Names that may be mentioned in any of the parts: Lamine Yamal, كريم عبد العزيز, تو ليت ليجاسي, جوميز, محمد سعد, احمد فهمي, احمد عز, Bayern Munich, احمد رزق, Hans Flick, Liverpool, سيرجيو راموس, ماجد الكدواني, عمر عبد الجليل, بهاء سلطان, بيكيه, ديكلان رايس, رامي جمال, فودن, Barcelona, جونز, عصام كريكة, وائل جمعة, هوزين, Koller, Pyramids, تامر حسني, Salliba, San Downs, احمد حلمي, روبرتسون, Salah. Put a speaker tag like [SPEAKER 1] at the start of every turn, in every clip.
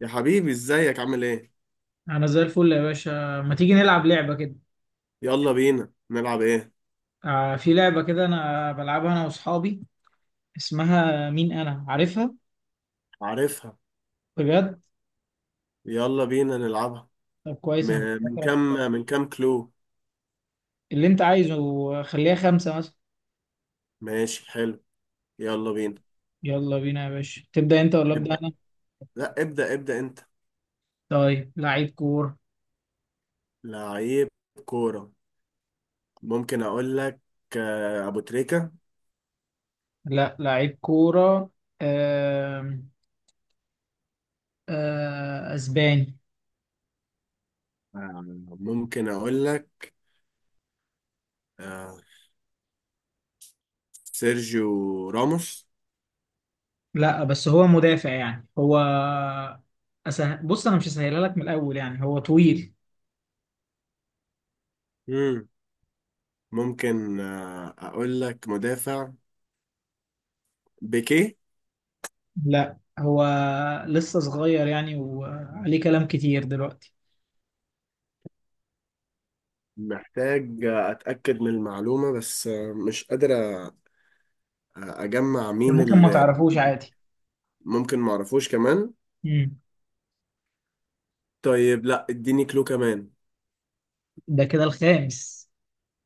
[SPEAKER 1] يا حبيبي ازيك عامل ايه؟
[SPEAKER 2] انا زي الفل يا باشا، ما تيجي نلعب لعبة كده؟
[SPEAKER 1] يلا بينا نلعب ايه؟
[SPEAKER 2] آه في لعبة كده انا بلعبها انا واصحابي. اسمها مين انا عارفها؟
[SPEAKER 1] عارفها.
[SPEAKER 2] بجد؟
[SPEAKER 1] يلا بينا نلعبها.
[SPEAKER 2] طب كويس، انا كنت
[SPEAKER 1] من كام؟
[SPEAKER 2] فاكرك.
[SPEAKER 1] من كام كلو؟
[SPEAKER 2] اللي انت عايزه. خليها 5 مثلا.
[SPEAKER 1] ماشي حلو. يلا بينا.
[SPEAKER 2] يلا بينا يا باشا، تبدأ انت ولا ابدأ
[SPEAKER 1] ابدأ.
[SPEAKER 2] انا؟
[SPEAKER 1] لا، ابدأ انت.
[SPEAKER 2] طيب، لعيب كورة.
[SPEAKER 1] لعيب كورة؟ ممكن اقول لك؟ ابو تريكة.
[SPEAKER 2] لا لعيب كورة. آم، اسباني.
[SPEAKER 1] آه، ممكن اقول لك؟ آه، سيرجيو راموس.
[SPEAKER 2] لا بس هو مدافع، يعني هو بص انا مش هسهلها لك من الاول، يعني هو طويل.
[SPEAKER 1] مم. ممكن اقول لك؟ مدافع. بيكيه.
[SPEAKER 2] لا هو لسه صغير يعني، وعليه كلام كتير دلوقتي.
[SPEAKER 1] محتاج اتأكد من المعلومة، بس مش قادر اجمع
[SPEAKER 2] ده
[SPEAKER 1] مين
[SPEAKER 2] ممكن ما
[SPEAKER 1] اللي.
[SPEAKER 2] تعرفوش عادي.
[SPEAKER 1] ممكن معرفوش كمان.
[SPEAKER 2] مم.
[SPEAKER 1] طيب لا، اديني كلو كمان.
[SPEAKER 2] ده كده الخامس.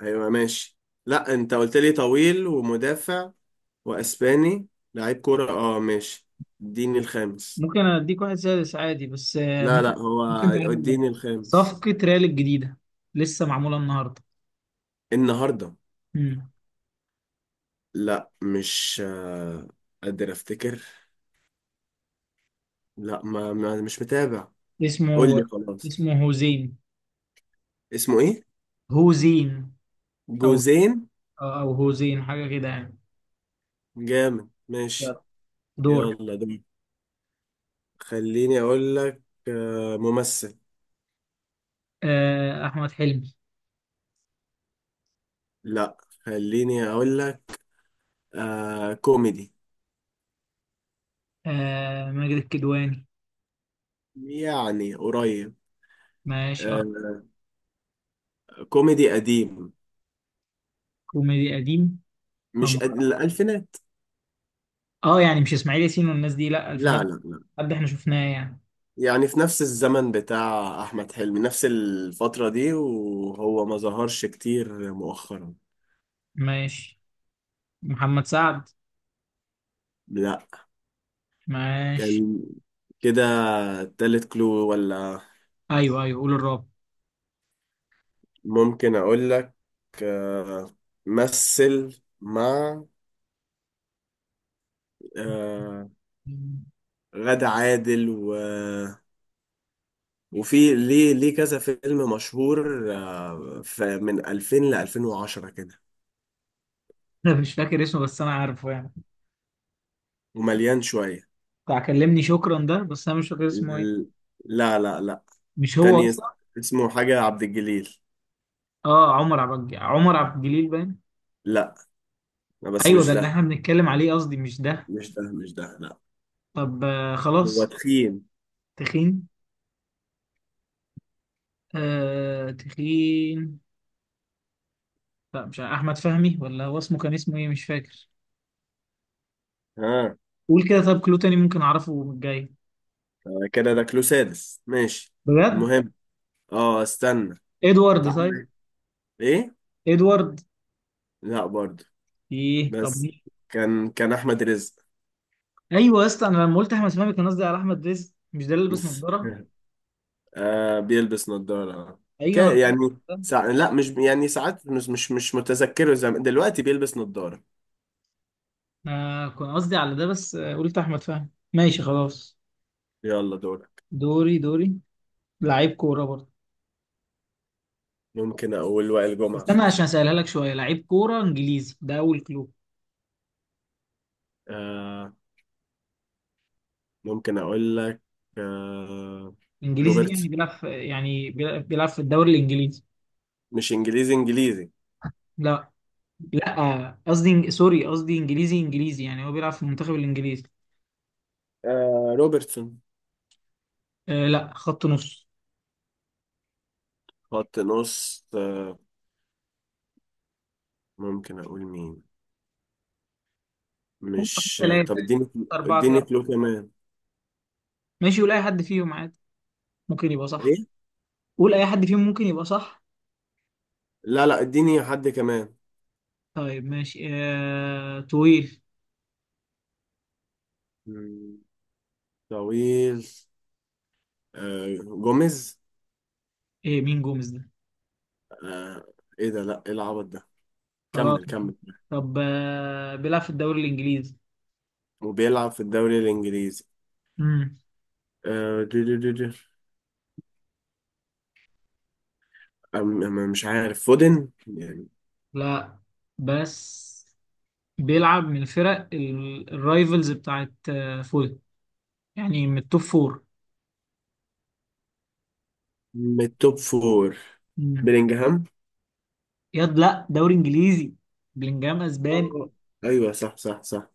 [SPEAKER 1] هيبقى ماشي. لا، انت قلت لي طويل ومدافع واسباني، لعيب كورة، اه ماشي. اديني الخامس.
[SPEAKER 2] ممكن اديك واحد سادس عادي، بس
[SPEAKER 1] لا
[SPEAKER 2] ممكن
[SPEAKER 1] لا، هو.
[SPEAKER 2] ممكن تعرف ده.
[SPEAKER 1] اديني الخامس.
[SPEAKER 2] صفقة ريال الجديدة لسه معمولة النهاردة.
[SPEAKER 1] النهاردة؟
[SPEAKER 2] مم.
[SPEAKER 1] لا، مش قادر افتكر. لا، ما مش متابع. قول لي
[SPEAKER 2] اسمه
[SPEAKER 1] خلاص.
[SPEAKER 2] اسمه هوزين.
[SPEAKER 1] اسمه ايه؟
[SPEAKER 2] هوزين. او
[SPEAKER 1] جوزين.
[SPEAKER 2] او هوزين حاجة كده يعني.
[SPEAKER 1] جامد، ماشي.
[SPEAKER 2] يلا. دور.
[SPEAKER 1] يلا ده. خليني اقول لك ممثل.
[SPEAKER 2] احمد حلمي.
[SPEAKER 1] لا. خليني اقول لك كوميدي.
[SPEAKER 2] ماجد الكدواني.
[SPEAKER 1] يعني قريب.
[SPEAKER 2] ماشي أرق.
[SPEAKER 1] آه كوميدي قديم.
[SPEAKER 2] كوميدي قديم. آه،
[SPEAKER 1] مش قد... الالفينات.
[SPEAKER 2] اه يعني مش اسماعيل ياسين والناس دي، لا
[SPEAKER 1] لا
[SPEAKER 2] الفنات.
[SPEAKER 1] لا لا.
[SPEAKER 2] حد احنا شفناه يعني.
[SPEAKER 1] يعني في نفس الزمن بتاع احمد حلمي، نفس الفترة دي، وهو ما ظهرش كتير مؤخرا.
[SPEAKER 2] ماشي. محمد سعد.
[SPEAKER 1] لا.
[SPEAKER 2] ماشي.
[SPEAKER 1] كان كده. تالت كلو ولا؟
[SPEAKER 2] ايوه ايوه، قول الرابع.
[SPEAKER 1] ممكن اقول لك آه مثل مع آه غادة عادل وفي ليه كذا فيلم مشهور، من 2000 ل 2010 كده،
[SPEAKER 2] انا مش فاكر اسمه بس انا عارفه يعني.
[SPEAKER 1] ومليان شوية.
[SPEAKER 2] بتاع كلمني شكرا ده، بس انا مش فاكر اسمه ايه.
[SPEAKER 1] ال- لا لا لا.
[SPEAKER 2] مش هو
[SPEAKER 1] تاني اس-
[SPEAKER 2] اصلا.
[SPEAKER 1] اسمه حاجة عبد الجليل.
[SPEAKER 2] اه عمر عبد الجليل باين.
[SPEAKER 1] لا. لا بس
[SPEAKER 2] ايوه
[SPEAKER 1] مش
[SPEAKER 2] ده اللي
[SPEAKER 1] ده.
[SPEAKER 2] احنا بنتكلم عليه، قصدي مش ده.
[SPEAKER 1] مش ده لا.
[SPEAKER 2] طب
[SPEAKER 1] هو
[SPEAKER 2] خلاص.
[SPEAKER 1] تخين.
[SPEAKER 2] تخين. آه تخين. لا مش عارف. احمد فهمي، ولا هو اسمه كان اسمه ايه مش فاكر.
[SPEAKER 1] ها.
[SPEAKER 2] قول كده طب كلو تاني ممكن اعرفه من الجاي.
[SPEAKER 1] كده ده كلو سادس، ماشي.
[SPEAKER 2] بجد؟
[SPEAKER 1] المهم، اه استنى.
[SPEAKER 2] ادوارد طيب.
[SPEAKER 1] تعالى. ايه؟
[SPEAKER 2] ادوارد.
[SPEAKER 1] لا برضه.
[SPEAKER 2] ايه طب
[SPEAKER 1] بس
[SPEAKER 2] مين؟
[SPEAKER 1] كان، احمد رزق.
[SPEAKER 2] ايوه يا اسطى، انا لما قلت احمد فهمي كان قصدي على احمد رزق. مش ده اللي لابس نظاره؟
[SPEAKER 1] آه بيلبس نظارة.
[SPEAKER 2] ايوه انا
[SPEAKER 1] كا
[SPEAKER 2] فكرت
[SPEAKER 1] يعني.
[SPEAKER 2] ده.
[SPEAKER 1] لا، مش يعني، ساعات مش متذكره زمان، دلوقتي بيلبس نظارة.
[SPEAKER 2] انا كنت قصدي على ده، بس قلت احمد فهمي. ماشي خلاص.
[SPEAKER 1] يلا دورك.
[SPEAKER 2] دوري دوري. لعيب كوره برضه.
[SPEAKER 1] ممكن أقول وائل جمعة.
[SPEAKER 2] استنى عشان اسالها لك شويه، لعيب كوره انجليزي ده اول كلو.
[SPEAKER 1] آه ممكن أقول لك آه
[SPEAKER 2] انجليزي دي يعني
[SPEAKER 1] روبرت.
[SPEAKER 2] بيلعب في، يعني بيلعب في الدوري الانجليزي.
[SPEAKER 1] مش إنجليزي إنجليزي؟
[SPEAKER 2] لا لا، قصدي سوري قصدي انجليزي انجليزي، يعني هو بيلعب في المنتخب الانجليزي.
[SPEAKER 1] روبرتسون.
[SPEAKER 2] آه لا خط نص.
[SPEAKER 1] خط نص، آه. ممكن أقول مين؟ مش
[SPEAKER 2] ثلاثة
[SPEAKER 1] طب اديني.
[SPEAKER 2] أربعة
[SPEAKER 1] اديني
[SPEAKER 2] كده.
[SPEAKER 1] كلو كمان.
[SPEAKER 2] ماشي ولا أي حد فيهم عادي ممكن يبقى صح.
[SPEAKER 1] ايه؟
[SPEAKER 2] قول اي حد فيهم ممكن يبقى صح.
[SPEAKER 1] لا لا، اديني حد كمان.
[SPEAKER 2] طيب ماشي طويل.
[SPEAKER 1] مم، طويل. جوميز.
[SPEAKER 2] ايه مين جوميز ده؟
[SPEAKER 1] آه، ايه ده؟ لا، ايه العبط ده؟
[SPEAKER 2] خلاص.
[SPEAKER 1] كمل كمل.
[SPEAKER 2] طب بيلعب في الدوري الانجليزي.
[SPEAKER 1] وبيلعب في الدوري الانجليزي.
[SPEAKER 2] امم.
[SPEAKER 1] آه دي دي دي دي. أم أم مش عارف، فودن يعني.
[SPEAKER 2] لا بس بيلعب من الفرق الرايفلز بتاعت فول، يعني من التوب فور.
[SPEAKER 1] من التوب فور.
[SPEAKER 2] امم.
[SPEAKER 1] بلينجهام.
[SPEAKER 2] ياد لا دوري انجليزي. بلينجهام اسباني.
[SPEAKER 1] آه، ايوه، صح صح صح.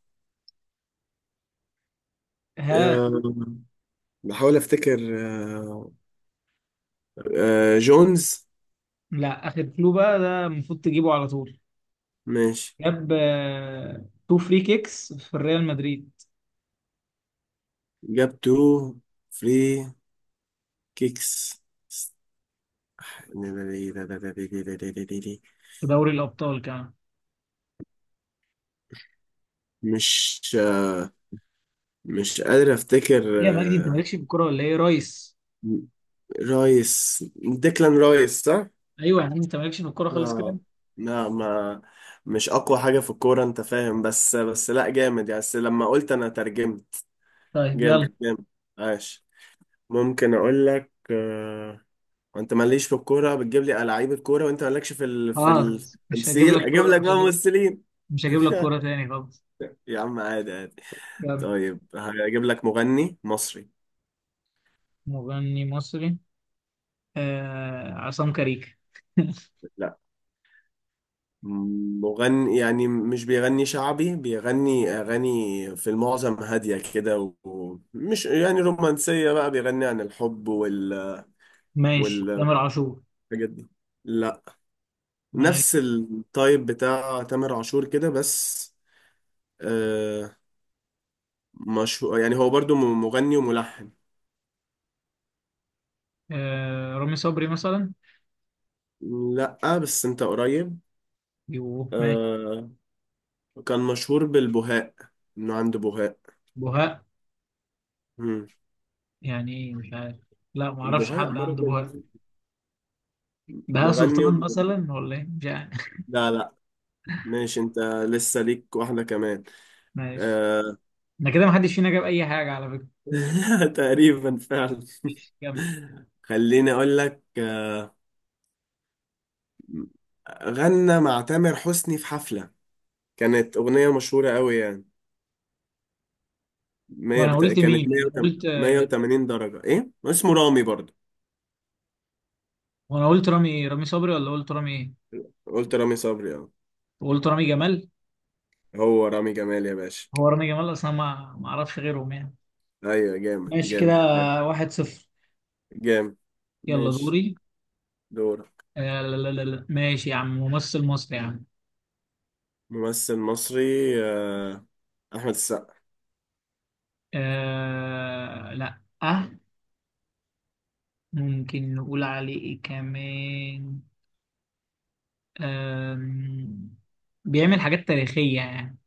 [SPEAKER 2] ها.
[SPEAKER 1] آه، بحاول افتكر، جونز.
[SPEAKER 2] لا اخر كلو بقى، ده المفروض تجيبه على طول.
[SPEAKER 1] ماشي.
[SPEAKER 2] جاب تو فري كيكس في ريال مدريد.
[SPEAKER 1] جاب تو فري كيكس.
[SPEAKER 2] في دوري الابطال كمان.
[SPEAKER 1] مش مش قادر افتكر.
[SPEAKER 2] ايه يا مجدي انت
[SPEAKER 1] آه،
[SPEAKER 2] مالكش في الكوره ولا ايه يا ريس؟
[SPEAKER 1] رايس، ديكلان رايس صح؟
[SPEAKER 2] ايوه يا عم انت مالكش في الكوره خالص كده.
[SPEAKER 1] اه. لا، ما، مش اقوى حاجة في الكورة انت فاهم، بس لا، جامد يعني، بس لما قلت انا ترجمت.
[SPEAKER 2] طيب يلا.
[SPEAKER 1] جامد جامد. عاش. ممكن اقول لك انت ماليش في الكورة، بتجيب لي لعيبة كورة، وانت مالكش في
[SPEAKER 2] خلاص مش هجيب
[SPEAKER 1] التمثيل،
[SPEAKER 2] لك
[SPEAKER 1] اجيب
[SPEAKER 2] كوره.
[SPEAKER 1] لك
[SPEAKER 2] مش
[SPEAKER 1] بقى
[SPEAKER 2] هجيب
[SPEAKER 1] ممثلين.
[SPEAKER 2] مش هجيب لك كوره تاني خالص.
[SPEAKER 1] يا عم عادي عادي.
[SPEAKER 2] يلا.
[SPEAKER 1] طيب هجيب لك مغني مصري.
[SPEAKER 2] مغني مصري. عصام كريكة.
[SPEAKER 1] مغني يعني، مش بيغني شعبي، بيغني أغاني في المعظم هادية كده، ومش يعني رومانسية بقى، بيغني عن الحب
[SPEAKER 2] ماشي
[SPEAKER 1] والحاجات
[SPEAKER 2] تامر عاشور.
[SPEAKER 1] دي. لا. نفس
[SPEAKER 2] ماشي.
[SPEAKER 1] التايب بتاع تامر عاشور كده، بس آه مشهور يعني، هو برضو مغني وملحن.
[SPEAKER 2] رامي صبري مثلا.
[SPEAKER 1] لا بس انت قريب.
[SPEAKER 2] يوه ماشي.
[SPEAKER 1] آه. كان مشهور بالبهاء، انه عنده بهاء.
[SPEAKER 2] بهاء.
[SPEAKER 1] مم.
[SPEAKER 2] يعني ايه مش عارف. لا ما اعرفش
[SPEAKER 1] البهاء،
[SPEAKER 2] حد عنده
[SPEAKER 1] مرض
[SPEAKER 2] بهاء.
[SPEAKER 1] البهاء.
[SPEAKER 2] بهاء
[SPEAKER 1] مغني و...
[SPEAKER 2] سلطان مثلا ولا ايه مش عارف.
[SPEAKER 1] لا لا. ماشي انت. لسه ليك واحدة كمان.
[SPEAKER 2] ماشي.
[SPEAKER 1] آه...
[SPEAKER 2] انا كده ما حدش فينا جاب اي حاجه على فكره.
[SPEAKER 1] تقريبا فعلا.
[SPEAKER 2] ماشي، كمل.
[SPEAKER 1] خليني اقول لك. غنى مع تامر حسني في حفلة، كانت أغنية مشهورة قوي يعني.
[SPEAKER 2] وانا قلت
[SPEAKER 1] كانت
[SPEAKER 2] مين انا قلت
[SPEAKER 1] 180 درجة. إيه؟ اسمه رامي برضه.
[SPEAKER 2] وانا قلت رامي صبري ولا قلت رامي ايه؟
[SPEAKER 1] قلت رامي صبري، اه.
[SPEAKER 2] قلت رامي جمال.
[SPEAKER 1] هو رامي جمال يا باشا.
[SPEAKER 2] هو رامي جمال اصلا، ما اعرفش غيرهم يعني.
[SPEAKER 1] أيوة. جامد
[SPEAKER 2] ماشي كده.
[SPEAKER 1] جامد
[SPEAKER 2] 1-0.
[SPEAKER 1] جامد.
[SPEAKER 2] يلا
[SPEAKER 1] ماشي.
[SPEAKER 2] دوري.
[SPEAKER 1] دورك.
[SPEAKER 2] آه لا لا لا لا ماشي يا عم، ممثل مصري يا عم.
[SPEAKER 1] ممثل مصري. آه، أحمد السقا.
[SPEAKER 2] آه لا اه. ممكن نقول عليه ايه كمان؟ آم، بيعمل حاجات تاريخية يعني.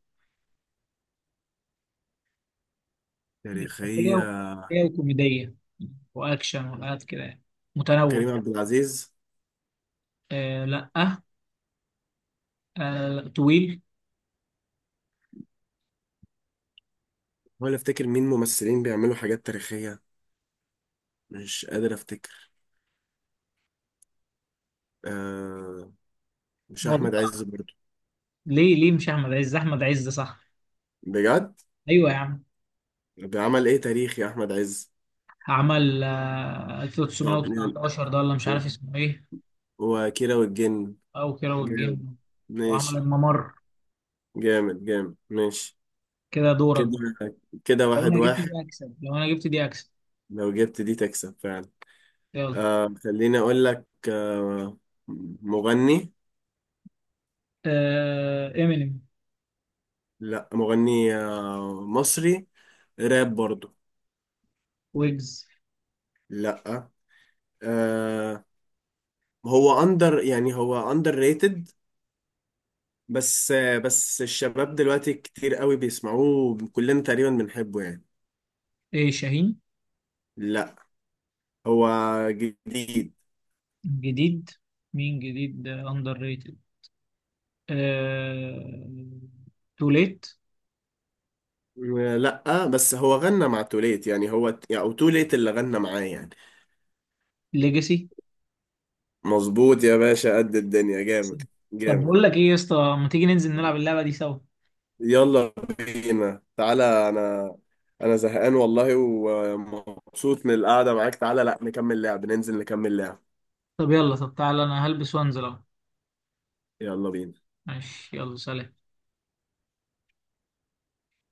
[SPEAKER 2] تاريخية
[SPEAKER 1] تاريخية.
[SPEAKER 2] و- تاريخية وكوميدية وأكشن وحاجات كده يعني. متنوع.
[SPEAKER 1] كريم عبد العزيز.
[SPEAKER 2] آه لا آه. آه، لا، طويل.
[SPEAKER 1] ولا افتكر مين ممثلين بيعملوا حاجات تاريخية، مش قادر افتكر. آه، مش
[SPEAKER 2] هو
[SPEAKER 1] احمد عز برضو؟
[SPEAKER 2] ليه مش احمد عز احمد عز صح؟
[SPEAKER 1] بجد؟
[SPEAKER 2] ايوه يا عم.
[SPEAKER 1] بيعمل ايه تاريخي احمد عز؟
[SPEAKER 2] عمل
[SPEAKER 1] طب يعني،
[SPEAKER 2] 1919 ده ولا مش
[SPEAKER 1] هو
[SPEAKER 2] عارف اسمه ايه.
[SPEAKER 1] هو كيرة والجن.
[SPEAKER 2] او كده
[SPEAKER 1] جامد،
[SPEAKER 2] والجن. وعمل
[SPEAKER 1] ماشي.
[SPEAKER 2] الممر.
[SPEAKER 1] جامد جامد، ماشي.
[SPEAKER 2] كده دورك
[SPEAKER 1] كده.
[SPEAKER 2] بقى.
[SPEAKER 1] كده
[SPEAKER 2] لو
[SPEAKER 1] واحد
[SPEAKER 2] انا جبت دي
[SPEAKER 1] واحد.
[SPEAKER 2] اكسب لو انا جبت دي اكسب.
[SPEAKER 1] لو جبت دي تكسب فعلا.
[SPEAKER 2] يلا.
[SPEAKER 1] خليني اقول لك. مغني.
[SPEAKER 2] امينيم.
[SPEAKER 1] لا، مغني مصري، راب برضو.
[SPEAKER 2] ويجز.
[SPEAKER 1] لا. آه هو اندر، يعني هو اندر ريتد بس. بس الشباب دلوقتي كتير قوي بيسمعوه، كلنا تقريبا بنحبه يعني.
[SPEAKER 2] ايه شاهين؟
[SPEAKER 1] لا. هو جديد.
[SPEAKER 2] جديد. مين جديد اندر ريتد؟ آه تو ليت.
[SPEAKER 1] لا بس هو غنى مع توليت يعني، هو يعني، او توليت اللي غنى معاه يعني.
[SPEAKER 2] ليجاسي.
[SPEAKER 1] مظبوط يا باشا، قد الدنيا، جامد
[SPEAKER 2] طب
[SPEAKER 1] جامد.
[SPEAKER 2] بقول لك ايه يا اسطى، ما تيجي ننزل نلعب اللعبه دي سوا؟
[SPEAKER 1] يلا بينا تعالى. انا انا زهقان والله، ومبسوط من القعدة معاك، تعالى لا نكمل لعب، ننزل نكمل لعب.
[SPEAKER 2] طب يلا طب تعالى انا هلبس وانزل اهو.
[SPEAKER 1] يلا بينا.
[SPEAKER 2] ماشي يلا سلام.